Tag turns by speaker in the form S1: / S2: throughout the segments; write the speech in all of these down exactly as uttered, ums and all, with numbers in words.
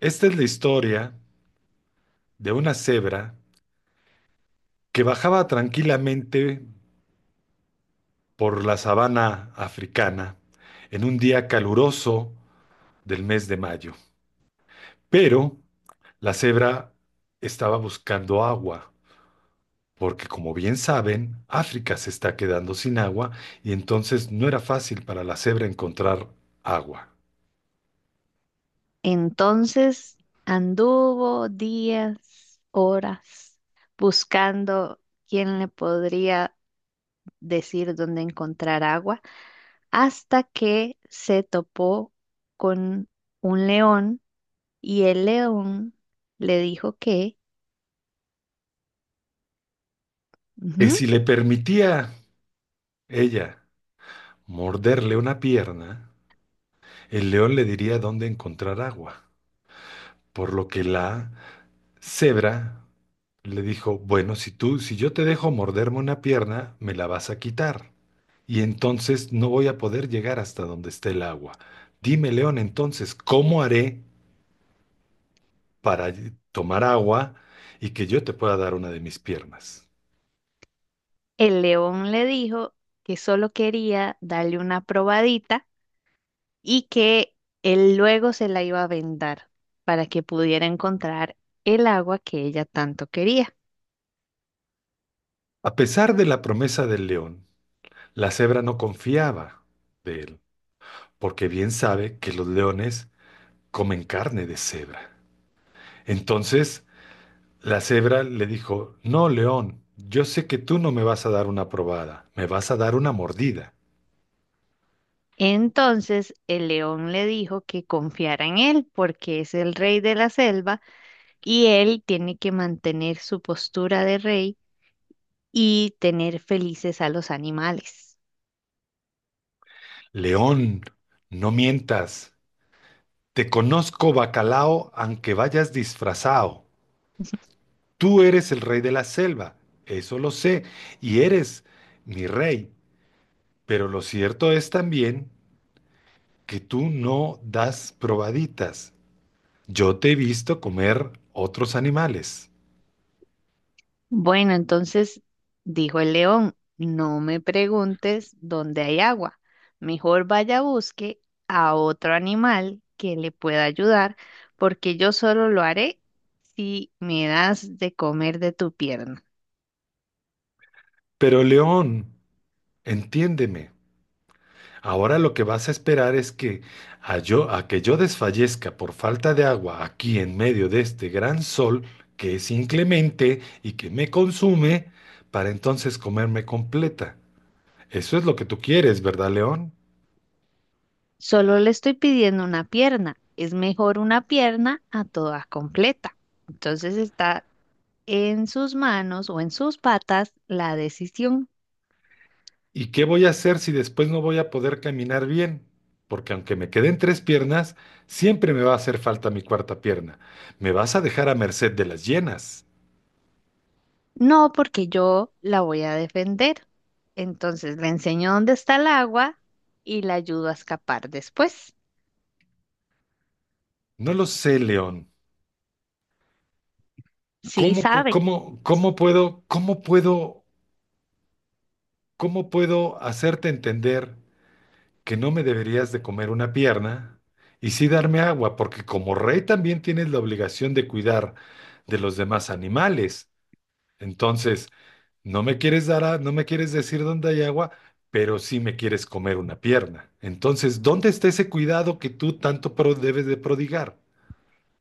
S1: Esta es la historia de una cebra que bajaba tranquilamente por la sabana africana en un día caluroso del mes de mayo. Pero la cebra estaba buscando agua, porque como bien saben, África se está quedando sin agua y entonces no era fácil para la cebra encontrar agua.
S2: Entonces anduvo días, horas, buscando quién le podría decir dónde encontrar agua, hasta que se topó con un león y el león le dijo que,
S1: Que
S2: ujú.
S1: si le permitía ella morderle una pierna, el león le diría dónde encontrar agua. Por lo que la cebra le dijo, bueno, si tú, si yo te dejo morderme una pierna, me la vas a quitar. Y entonces no voy a poder llegar hasta donde esté el agua. Dime, león, entonces, ¿cómo haré para tomar agua y que yo te pueda dar una de mis piernas?
S2: El león le dijo que solo quería darle una probadita y que él luego se la iba a vendar para que pudiera encontrar el agua que ella tanto quería.
S1: A pesar de la promesa del león, la cebra no confiaba de él, porque bien sabe que los leones comen carne de cebra. Entonces, la cebra le dijo, no, león, yo sé que tú no me vas a dar una probada, me vas a dar una mordida.
S2: Entonces el león le dijo que confiara en él porque es el rey de la selva y él tiene que mantener su postura de rey y tener felices a los animales.
S1: León, no mientas, te conozco bacalao aunque vayas disfrazado. Tú eres el rey de la selva, eso lo sé, y eres mi rey, pero lo cierto es también que tú no das probaditas. Yo te he visto comer otros animales.
S2: Bueno, entonces dijo el león, no me preguntes dónde hay agua, mejor vaya a busque a otro animal que le pueda ayudar porque yo solo lo haré si me das de comer de tu pierna.
S1: Pero león, entiéndeme. Ahora lo que vas a esperar es que a yo, a que yo desfallezca por falta de agua aquí en medio de este gran sol que es inclemente y que me consume, para entonces comerme completa. Eso es lo que tú quieres, ¿verdad, León?
S2: Solo le estoy pidiendo una pierna. Es mejor una pierna a toda completa. Entonces está en sus manos o en sus patas la decisión.
S1: ¿Y qué voy a hacer si después no voy a poder caminar bien? Porque aunque me queden tres piernas, siempre me va a hacer falta mi cuarta pierna. Me vas a dejar a merced de las llenas.
S2: No, porque yo la voy a defender. Entonces le enseño dónde está el agua y la ayudo a escapar después.
S1: No lo sé, León.
S2: Sí,
S1: ¿Cómo, pu-
S2: sabe.
S1: cómo, cómo puedo, cómo puedo? ¿Cómo puedo hacerte entender que no me deberías de comer una pierna y sí darme agua? Porque como rey también tienes la obligación de cuidar de los demás animales. Entonces, no me quieres dar a- no me quieres decir dónde hay agua, pero sí me quieres comer una pierna. Entonces, ¿dónde está ese cuidado que tú tanto pro- debes de prodigar?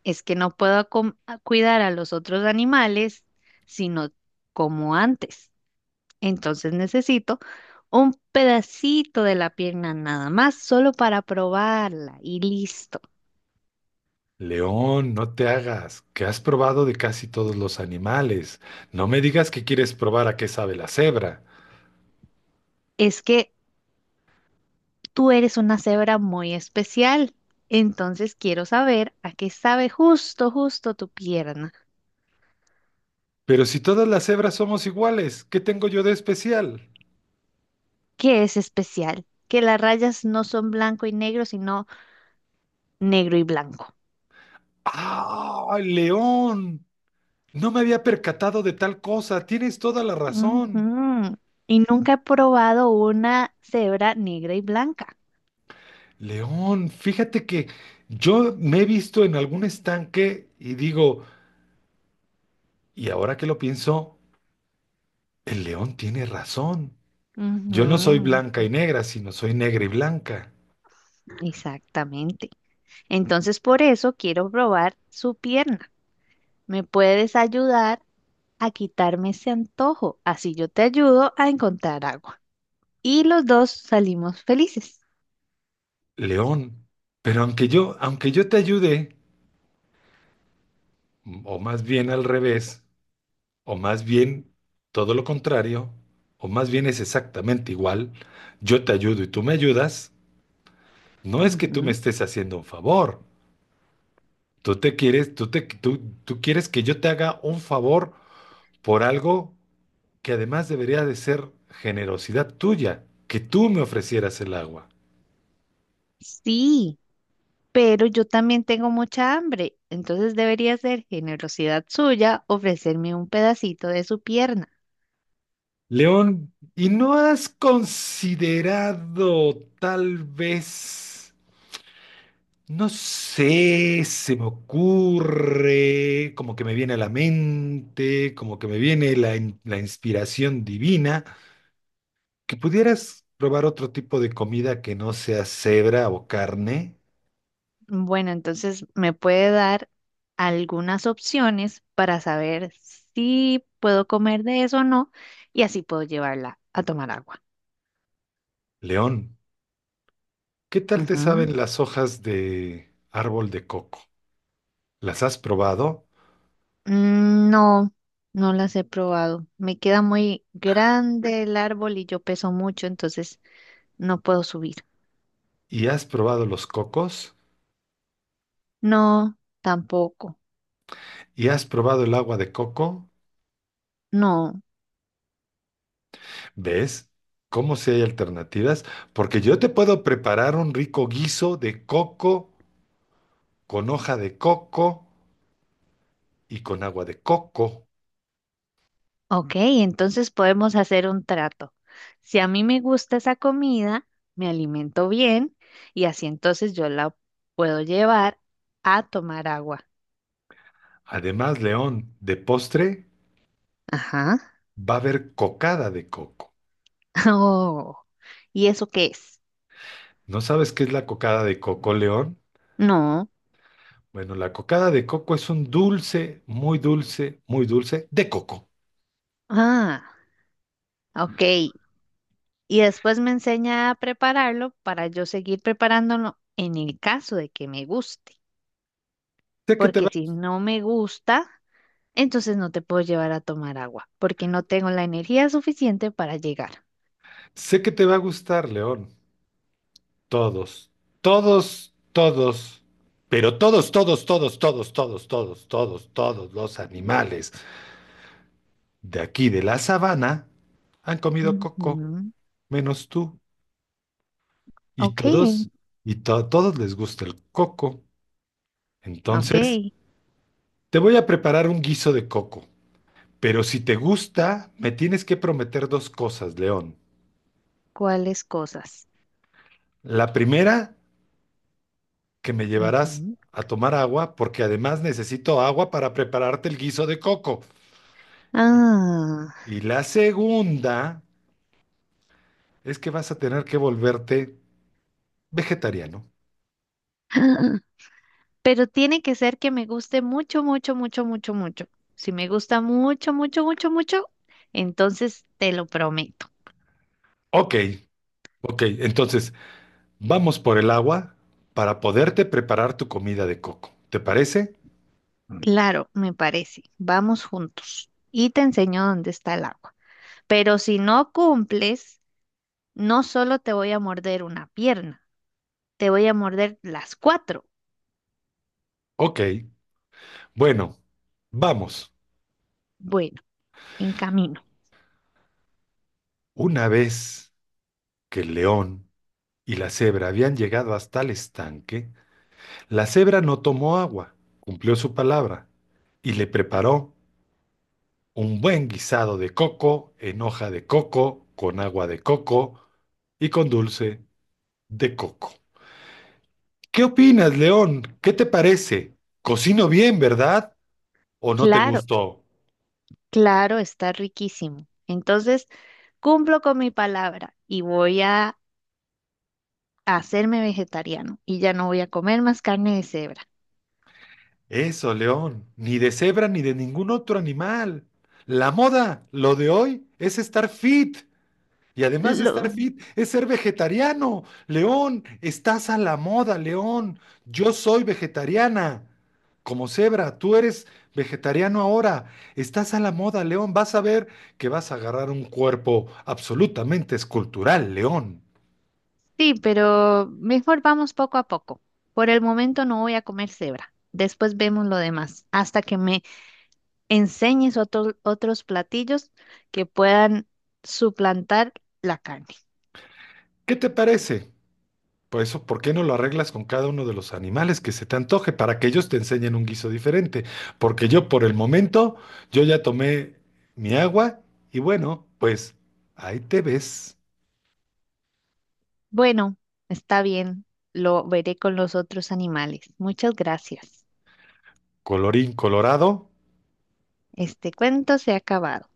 S2: Es que no puedo acom- a cuidar a los otros animales, sino como antes. Entonces necesito un pedacito de la pierna nada más, solo para probarla y listo.
S1: León, no te hagas, que has probado de casi todos los animales. No me digas que quieres probar a qué sabe la cebra.
S2: Es que tú eres una cebra muy especial, entonces quiero saber a qué sabe justo, justo tu pierna,
S1: Pero si todas las hebras somos iguales, ¿qué tengo yo de especial?
S2: que es especial, que las rayas no son blanco y negro, sino negro y blanco.
S1: ¡Ah, León! No me había percatado de tal cosa. Tienes toda la razón.
S2: Ujú. Y nunca he probado una cebra negra y blanca.
S1: León, fíjate que yo me he visto en algún estanque y digo, y ahora que lo pienso, el león tiene razón. Yo no soy
S2: Ujú.
S1: blanca y negra, sino soy negra y blanca.
S2: Exactamente. Entonces, por eso quiero probar su pierna. ¿Me puedes ayudar a quitarme ese antojo? Así yo te ayudo a encontrar agua. Y los dos salimos felices.
S1: León. Pero aunque yo, aunque yo te ayude, o más bien al revés, o más bien todo lo contrario, o más bien es exactamente igual, yo te ayudo y tú me ayudas, no es que tú me
S2: Ujú.
S1: estés haciendo un favor. Tú te quieres, tú te, tú, tú quieres que yo te haga un favor por algo que además debería de ser generosidad tuya, que tú me ofrecieras el agua.
S2: Sí, pero yo también tengo mucha hambre, entonces debería ser generosidad suya ofrecerme un pedacito de su pierna.
S1: León, ¿y no has considerado tal vez? No sé, se me ocurre, como que me viene a la mente, como que me viene la, in- la inspiración divina, que pudieras probar otro tipo de comida que no sea cebra o carne,
S2: Bueno, entonces me puede dar algunas opciones para saber si puedo comer de eso o no, y así puedo llevarla a tomar agua.
S1: león. ¿Qué tal te
S2: Ujú.
S1: saben las hojas de árbol de coco? ¿Las has probado?
S2: Mm, no, no las he probado. Me queda muy grande el árbol y yo peso mucho, entonces no puedo subir.
S1: ¿Y has probado los cocos?
S2: No, tampoco.
S1: ¿Y has probado el agua de coco?
S2: No.
S1: ¿Ves? ¿Cómo si hay alternativas? Porque yo te puedo preparar un rico guiso de coco con hoja de coco y con agua de coco.
S2: Ok, entonces podemos hacer un trato. Si a mí me gusta esa comida, me alimento bien y así entonces yo la puedo llevar a tomar agua.
S1: Además, León, de postre
S2: Ajá.
S1: va a haber cocada de coco.
S2: Oh, ¿y eso qué es?
S1: ¿No sabes qué es la cocada de coco, León?
S2: No.
S1: Bueno, la cocada de coco es un dulce, muy dulce, muy dulce de coco.
S2: Ah, ok. Y después me enseña a prepararlo para yo seguir preparándolo en el caso de que me guste,
S1: Sé que te
S2: porque
S1: va,
S2: si no me gusta, entonces no te puedo llevar a tomar agua, porque no tengo la energía suficiente para llegar.
S1: sé que te va a gustar, León. Todos, todos, todos, pero todos, todos, todos, todos, todos, todos, todos, todos los animales de aquí de la sabana han comido coco,
S2: Ujú.
S1: menos tú. Y
S2: Ok,
S1: todos, y to- todos les gusta el coco.
S2: ok,
S1: Entonces, te voy a preparar un guiso de coco. Pero si te gusta, me tienes que prometer dos cosas, León.
S2: ¿cuáles cosas?
S1: La primera, que me llevarás
S2: Ujú.
S1: a tomar agua, porque además necesito agua para prepararte el guiso de coco. Y,
S2: Ah,
S1: y la segunda es que vas a tener que volverte vegetariano.
S2: pero tiene que ser que me guste mucho, mucho, mucho, mucho, mucho. Si me gusta mucho, mucho, mucho, mucho, entonces te lo prometo.
S1: Ok, ok. Entonces, vamos por el agua para poderte preparar tu comida de coco. ¿Te parece?
S2: Claro, me parece. Vamos juntos y te enseño dónde está el agua. Pero si no cumples, no solo te voy a morder una pierna, te voy a morder las cuatro.
S1: Ok. Bueno, vamos.
S2: Bueno, en camino.
S1: Una vez que el león y la cebra habían llegado hasta el estanque, la cebra no tomó agua, cumplió su palabra y le preparó un buen guisado de coco en hoja de coco, con agua de coco y con dulce de coco. ¿Qué opinas, león? ¿Qué te parece? Cocino bien, ¿verdad? ¿O no te
S2: Claro,
S1: gustó?
S2: claro, está riquísimo. Entonces, cumplo con mi palabra y voy a hacerme vegetariano y ya no voy a comer más carne de cebra.
S1: Eso, León, ni de cebra ni de ningún otro animal. La moda, lo de hoy, es estar fit. Y además de estar fit, es ser vegetariano. León, estás a la moda, León. Yo soy vegetariana. Como cebra, tú eres vegetariano ahora. Estás a la moda, León. Vas a ver que vas a agarrar un cuerpo absolutamente escultural, León.
S2: Sí, pero mejor vamos poco a poco. Por el momento no voy a comer cebra. Después vemos lo demás, hasta que me enseñes otro- otros platillos que puedan suplantar la carne.
S1: ¿Qué te parece? Por eso, ¿por qué no lo arreglas con cada uno de los animales que se te antoje para que ellos te enseñen un guiso diferente? Porque yo por el momento, yo ya tomé mi agua y bueno, pues ahí te ves,
S2: Bueno, está bien, lo veré con los otros animales. Muchas gracias.
S1: colorín colorado.
S2: Este cuento se ha acabado.